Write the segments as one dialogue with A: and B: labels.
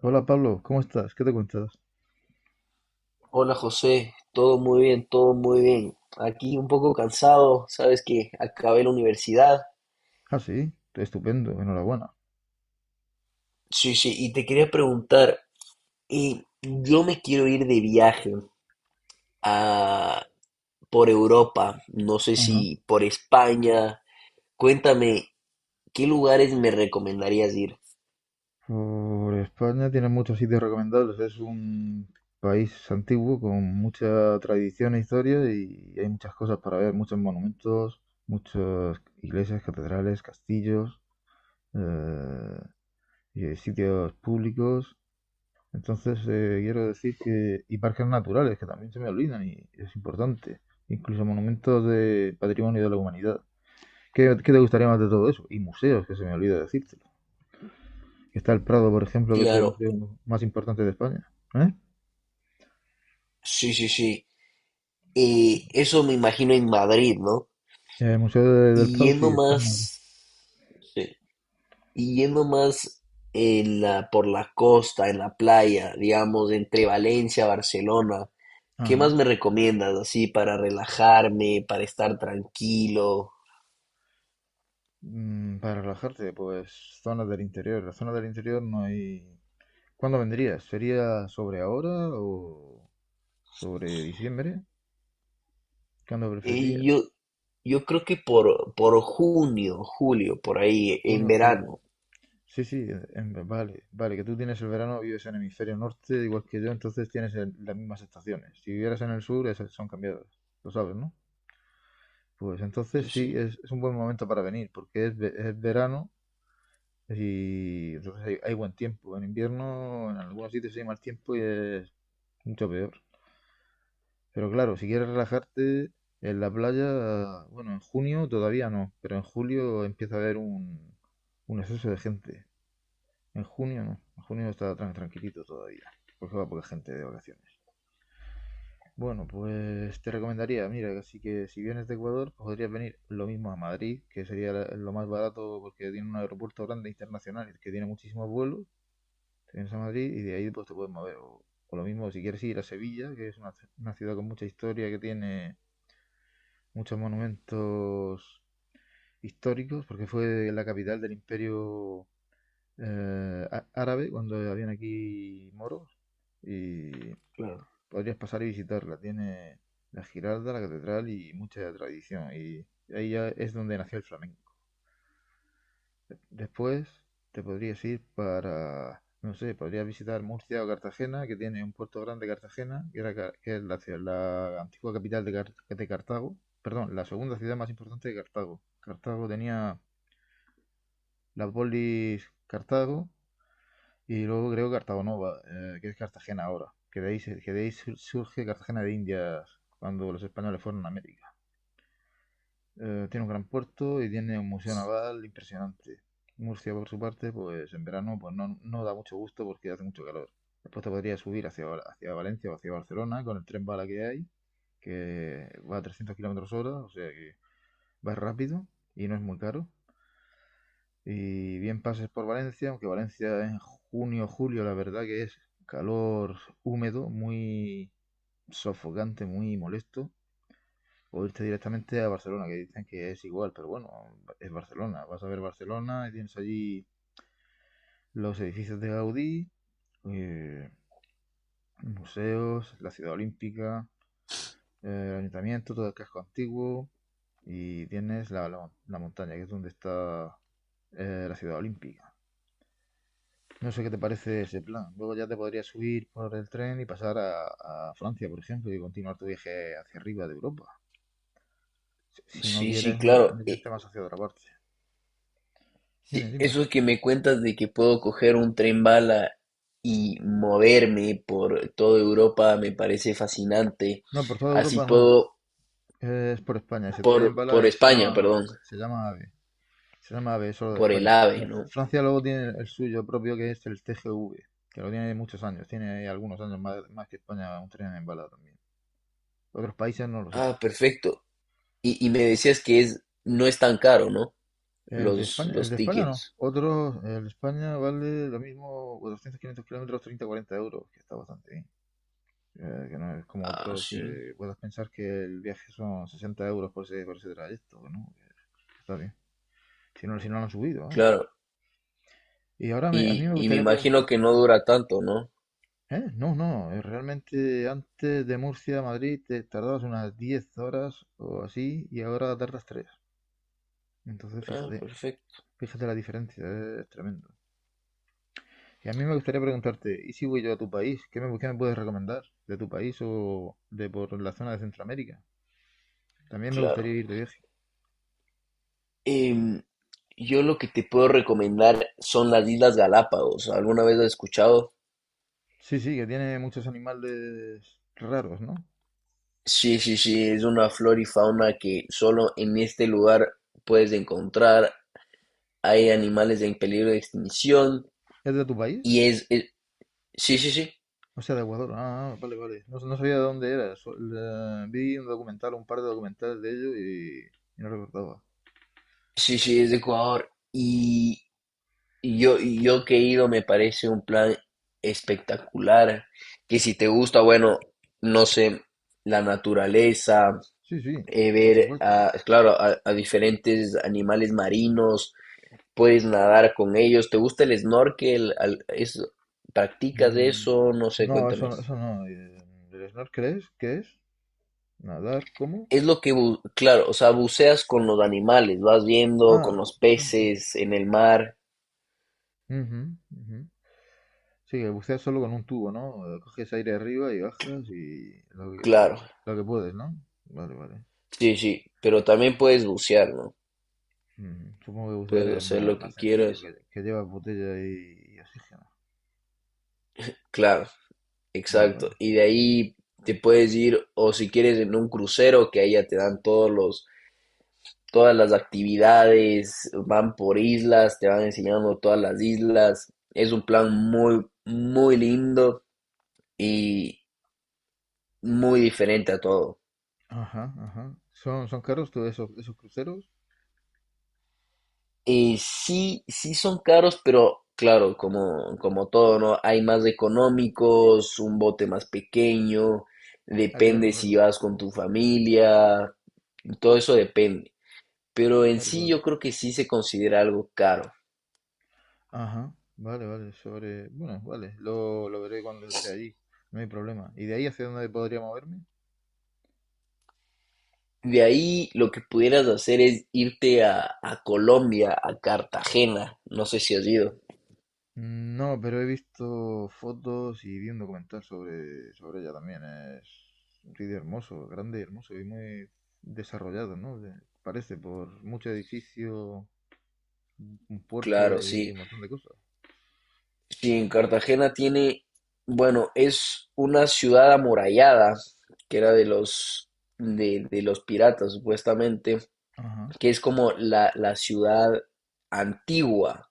A: Hola Pablo, ¿cómo estás? ¿Qué te cuentas?
B: Hola José, todo muy bien, todo muy bien. Aquí un poco cansado, sabes que acabé la universidad.
A: Ah, sí, estupendo, enhorabuena.
B: Sí, sí, y te quería preguntar, y yo me quiero ir de viaje a, por Europa, no sé
A: Ajá.
B: si por España. Cuéntame, ¿qué lugares me recomendarías ir?
A: Por España tiene muchos sitios recomendables. Es un país antiguo con mucha tradición e historia y hay muchas cosas para ver, muchos monumentos, muchas iglesias, catedrales, castillos, eh, y sitios públicos. Entonces, quiero decir que... Y parques naturales, que también se me olvidan y es importante. Incluso monumentos de patrimonio de la humanidad. ¿Qué te gustaría más de todo eso? Y museos, que se me olvida decírtelo. Está el Prado, por ejemplo, que es el
B: Claro,
A: museo más importante de España. ¿Eh?
B: sí, sí, sí. Eso me imagino en Madrid, ¿no?
A: El Museo del
B: Y
A: Prado sí
B: yendo
A: está en Madrid.
B: más... Sí. Y yendo más en por la costa, en la playa, digamos, entre Valencia, Barcelona, ¿qué
A: Ajá.
B: más me recomiendas así para relajarme, para estar tranquilo?
A: Mm, para relajarte, pues zonas del interior. La zona del interior no hay... ¿Cuándo vendrías? ¿Sería sobre ahora o sobre diciembre? ¿Cuándo
B: Eh,
A: preferirías?
B: yo, yo creo que por junio, julio, por ahí, en
A: Junio o julio.
B: verano.
A: Sí, sí, vale, vale, que tú tienes el verano, vives en el hemisferio norte, igual que yo, entonces tienes las mismas estaciones. Si vivieras en el sur, esas son cambiadas. Lo sabes, ¿no? Pues entonces
B: Sí,
A: sí,
B: sí,
A: es un buen momento para venir, porque es, es verano y entonces hay buen tiempo. En invierno, en algunos sitios hay mal tiempo y es mucho peor. Pero claro, si quieres relajarte en la playa, bueno, en junio todavía no, pero en julio empieza a haber un exceso de gente. En junio no, en junio está tranquilito todavía, porque va poca gente de vacaciones. Bueno, pues te recomendaría, mira, así que si vienes de Ecuador, pues podrías venir lo mismo a Madrid, que sería lo más barato porque tiene un aeropuerto grande internacional que tiene muchísimos vuelos. Te vienes a Madrid y de ahí pues te puedes mover. O lo mismo, si quieres ir a Sevilla, que es una, una ciudad con mucha historia, que tiene muchos monumentos históricos, porque fue la capital del imperio árabe cuando habían aquí moros. Y
B: claro.
A: podrías pasar y visitarla. Tiene la Giralda, la catedral y mucha tradición. Y ahí ya es donde nació el flamenco. Después te podrías ir para, no sé, podrías visitar Murcia o Cartagena, que tiene un puerto grande Cartagena, que era que es la antigua capital de, de Cartago. Perdón, la segunda ciudad más importante de Cartago. Cartago tenía la polis Cartago y luego creo Cartago Nova, que es Cartagena ahora. Que de ahí surge Cartagena de Indias cuando los españoles fueron a América. Tiene un gran puerto y tiene un museo naval impresionante. Murcia, por su parte, pues en verano pues no, no da mucho gusto porque hace mucho calor. Después te podría subir hacia Valencia o hacia Barcelona con el tren bala que hay, que va a 300 kilómetros hora, o sea que va rápido y no es muy caro. Y bien pases por Valencia, aunque Valencia en junio, julio, la verdad que es calor húmedo, muy sofocante, muy molesto o irte directamente a Barcelona, que dicen que es igual, pero bueno, es Barcelona. Vas a ver Barcelona y tienes allí los edificios de Gaudí, eh, museos, la ciudad olímpica, el ayuntamiento, todo el casco antiguo y tienes la montaña, que es donde está la ciudad olímpica. No sé qué te parece ese plan. Luego ya te podrías subir por el tren y pasar a Francia, por ejemplo, y continuar tu viaje hacia arriba de Europa. Si, si no
B: Sí, sí,
A: quieres
B: claro.
A: meterte más hacia otra parte. Dime,
B: Sí,
A: dime.
B: eso que me cuentas de que puedo coger un tren bala y moverme por toda Europa me parece fascinante.
A: No, por toda
B: Así
A: Europa no.
B: puedo
A: Es por España. Ese tren en bala
B: por
A: se
B: España,
A: llama AVE.
B: perdón,
A: Se llama AVE. Se llama AVE solo de
B: por el
A: España.
B: AVE, ¿no?
A: Francia luego tiene el suyo propio que es el TGV, que lo tiene muchos años. Tiene ahí algunos años más, más que España un tren en bala también. Otros países no lo sé.
B: Ah, perfecto. Y me decías que es, no es tan caro, ¿no?
A: El de España, el
B: Los
A: de España no.
B: tickets.
A: Otros, el de España vale lo mismo 200, 500 kilómetros, 30, 40 euros, que está bastante bien. Que no es como
B: Ah,
A: otro
B: sí,
A: que puedas pensar que el viaje son 60 € por ese trayecto, ¿no? Está bien. Si no, si no lo han subido, ¿no?
B: claro.
A: Y ahora a mí me
B: Y me
A: gustaría
B: imagino que
A: preguntarte,
B: no dura tanto, ¿no?
A: ¿eh? No, no, realmente antes de Murcia a Madrid te tardabas unas 10 horas o así y ahora tardas 3. Entonces
B: Ah,
A: fíjate,
B: perfecto,
A: fíjate la diferencia, es tremendo. Y a mí me gustaría preguntarte, ¿y si voy yo a tu país? ¿Qué me puedes recomendar de tu país o de por la zona de Centroamérica? También me gustaría
B: claro.
A: ir de viaje.
B: Em, yo lo que te puedo recomendar son las Islas Galápagos. ¿Alguna vez has escuchado?
A: Sí, sí, que tiene muchos animales raros, ¿no?
B: Sí, sí, sí, es una flora y fauna que solo en este lugar puedes encontrar. Hay animales en peligro de extinción
A: ¿Es de tu país?
B: y es, sí, sí, sí,
A: O sea, de Aguador. Ah, ah, ah, vale, vale. No, no sabía de dónde era. Vi un documental, un par de documentales de ello y no recordaba.
B: sí, sí, es de Ecuador. Y yo que he ido, me parece un plan espectacular. Que si te gusta, bueno, no sé, la naturaleza,
A: Sí, sí, por
B: ver,
A: supuesto.
B: a, claro, a diferentes animales marinos, puedes nadar con ellos. ¿Te gusta el snorkel? Al- es- ¿practicas
A: Mm,
B: eso? No sé,
A: no, eso,
B: cuéntame.
A: eso no. ¿El snorkel es? ¿Qué es? ¿Nadar? ¿Cómo?
B: Es lo que, bu- claro, o sea, buceas con los animales, vas viendo con
A: Ah,
B: los
A: vale. Vale.
B: peces en el mar,
A: Ujú, ujú. Sí, el bucear solo con un tubo, ¿no? Coges aire arriba y bajas y
B: claro.
A: lo que puedes, ¿no? Vale, vale.
B: Sí, sí, pero también puedes bucear, ¿no?
A: Mm, supongo que bucear
B: Puedes
A: es
B: hacer
A: más,
B: lo
A: más
B: que
A: sencillo,
B: quieras.
A: que llevas botella y oxígeno.
B: Claro,
A: Vale, vale.
B: exacto. Y de ahí te puedes ir, o si quieres, en un crucero, que ahí ya te dan todos los, todas las actividades, van por islas, te van enseñando todas las islas. Es un plan muy, muy lindo y muy diferente a todo.
A: Ajá, ajá. ¿Son caros todos esos, esos cruceros?
B: Sí, sí son caros, pero claro, como, como todo, ¿no? Hay más económicos, un bote más pequeño,
A: Ah, claro,
B: depende si
A: claro,
B: vas con tu familia, todo eso depende. Pero en
A: claro,
B: sí
A: claro.
B: yo creo que sí se considera algo caro.
A: Ajá, vale, vale, sobre... Bueno, vale, lo veré cuando esté allí, no hay problema. ¿Y de ahí hacia dónde podría moverme?
B: De ahí lo que pudieras hacer es irte a Colombia, a Cartagena. No sé si has ido.
A: No, pero he visto fotos y vi un documental sobre, sobre ella también. Es un sitio hermoso, grande y hermoso y muy desarrollado, ¿no? Parece por mucho edificio, un puerto
B: Claro,
A: y
B: sí.
A: un montón de cosas.
B: Sí, en Cartagena tiene, bueno, es una ciudad amurallada, que era de los, de los piratas, supuestamente,
A: Ajá.
B: que es como la ciudad antigua.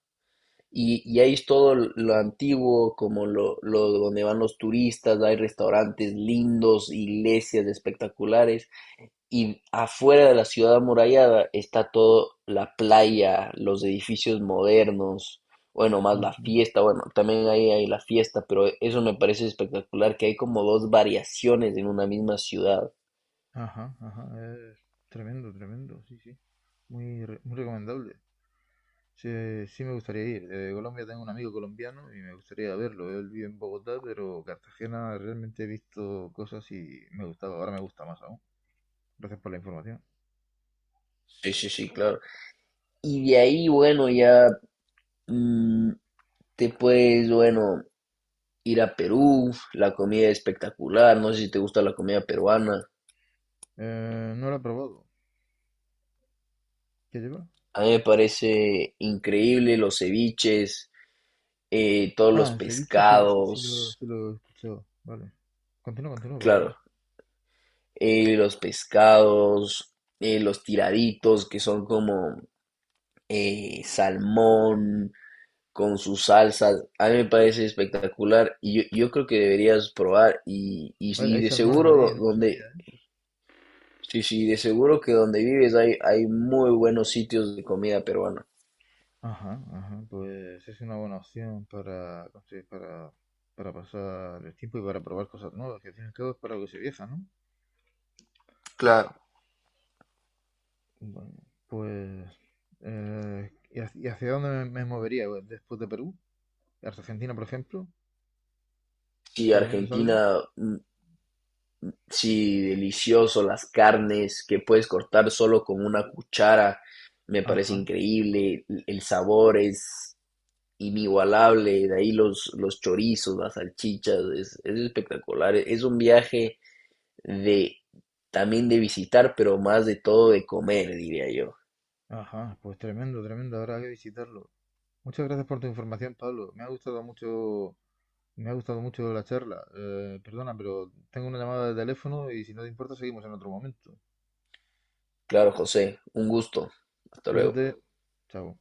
B: Y ahí es todo lo antiguo, como lo donde van los turistas, hay restaurantes lindos, iglesias espectaculares y afuera de la ciudad amurallada está toda la playa, los edificios modernos, bueno, más la fiesta, bueno, también ahí hay la fiesta, pero eso me parece espectacular, que hay como dos variaciones en una misma ciudad.
A: Ajá, ajá, es tremendo, tremendo, sí, sí. Muy, muy recomendable. Sí, sí me gustaría ir. De Colombia tengo un amigo colombiano y me gustaría verlo. Él vive en Bogotá, pero Cartagena realmente he visto cosas y me gustaba. Ahora me gusta más aún. Gracias por la información.
B: Sí, sí, sí, claro. Y de ahí, bueno, ya mm, te puedes, bueno, ir a Perú, la comida es espectacular, no sé si te gusta la comida peruana,
A: No lo he probado. ¿Qué lleva?
B: a mí me parece increíble los ceviches, todos los
A: Ah, el ceviche sí, sí,
B: pescados.
A: sí lo he escuchado. Vale. Continúa, continúa, por favor.
B: Claro, los pescados, los tiraditos que son como salmón con sus salsas, a mí me parece espectacular y yo creo que deberías probar y,
A: Vale,
B: sí,
A: hay
B: de
A: salmones allí,
B: seguro
A: no lo sabía.
B: donde, sí, sí, de seguro que donde vives hay, hay muy buenos sitios de comida peruana.
A: Ajá, ajá, pues es una buena opción para, para pasar el tiempo y para probar cosas nuevas, que al fin y al cabo es para lo que se viaja, ¿no?
B: Claro.
A: Bueno, pues... y hacia dónde me movería pues, después de Perú? ¿Argentina, por ejemplo?
B: Sí,
A: ¿Recomiendas
B: Argentina,
A: algo?
B: mm, sí, delicioso, las carnes que puedes cortar solo con una cuchara, me parece
A: Ajá,
B: increíble, el sabor es inigualable, de ahí los chorizos, las salchichas, es espectacular, es un viaje de también de visitar, pero más de todo de comer, diría yo.
A: ajá, pues tremendo, tremendo, habrá que visitarlo. Muchas gracias por tu información, Pablo. Me ha gustado mucho, me ha gustado mucho la charla. Perdona, pero tengo una llamada de teléfono y si no te importa seguimos en otro momento.
B: Claro, José, un gusto. Hasta luego.
A: Cuídate. Chao.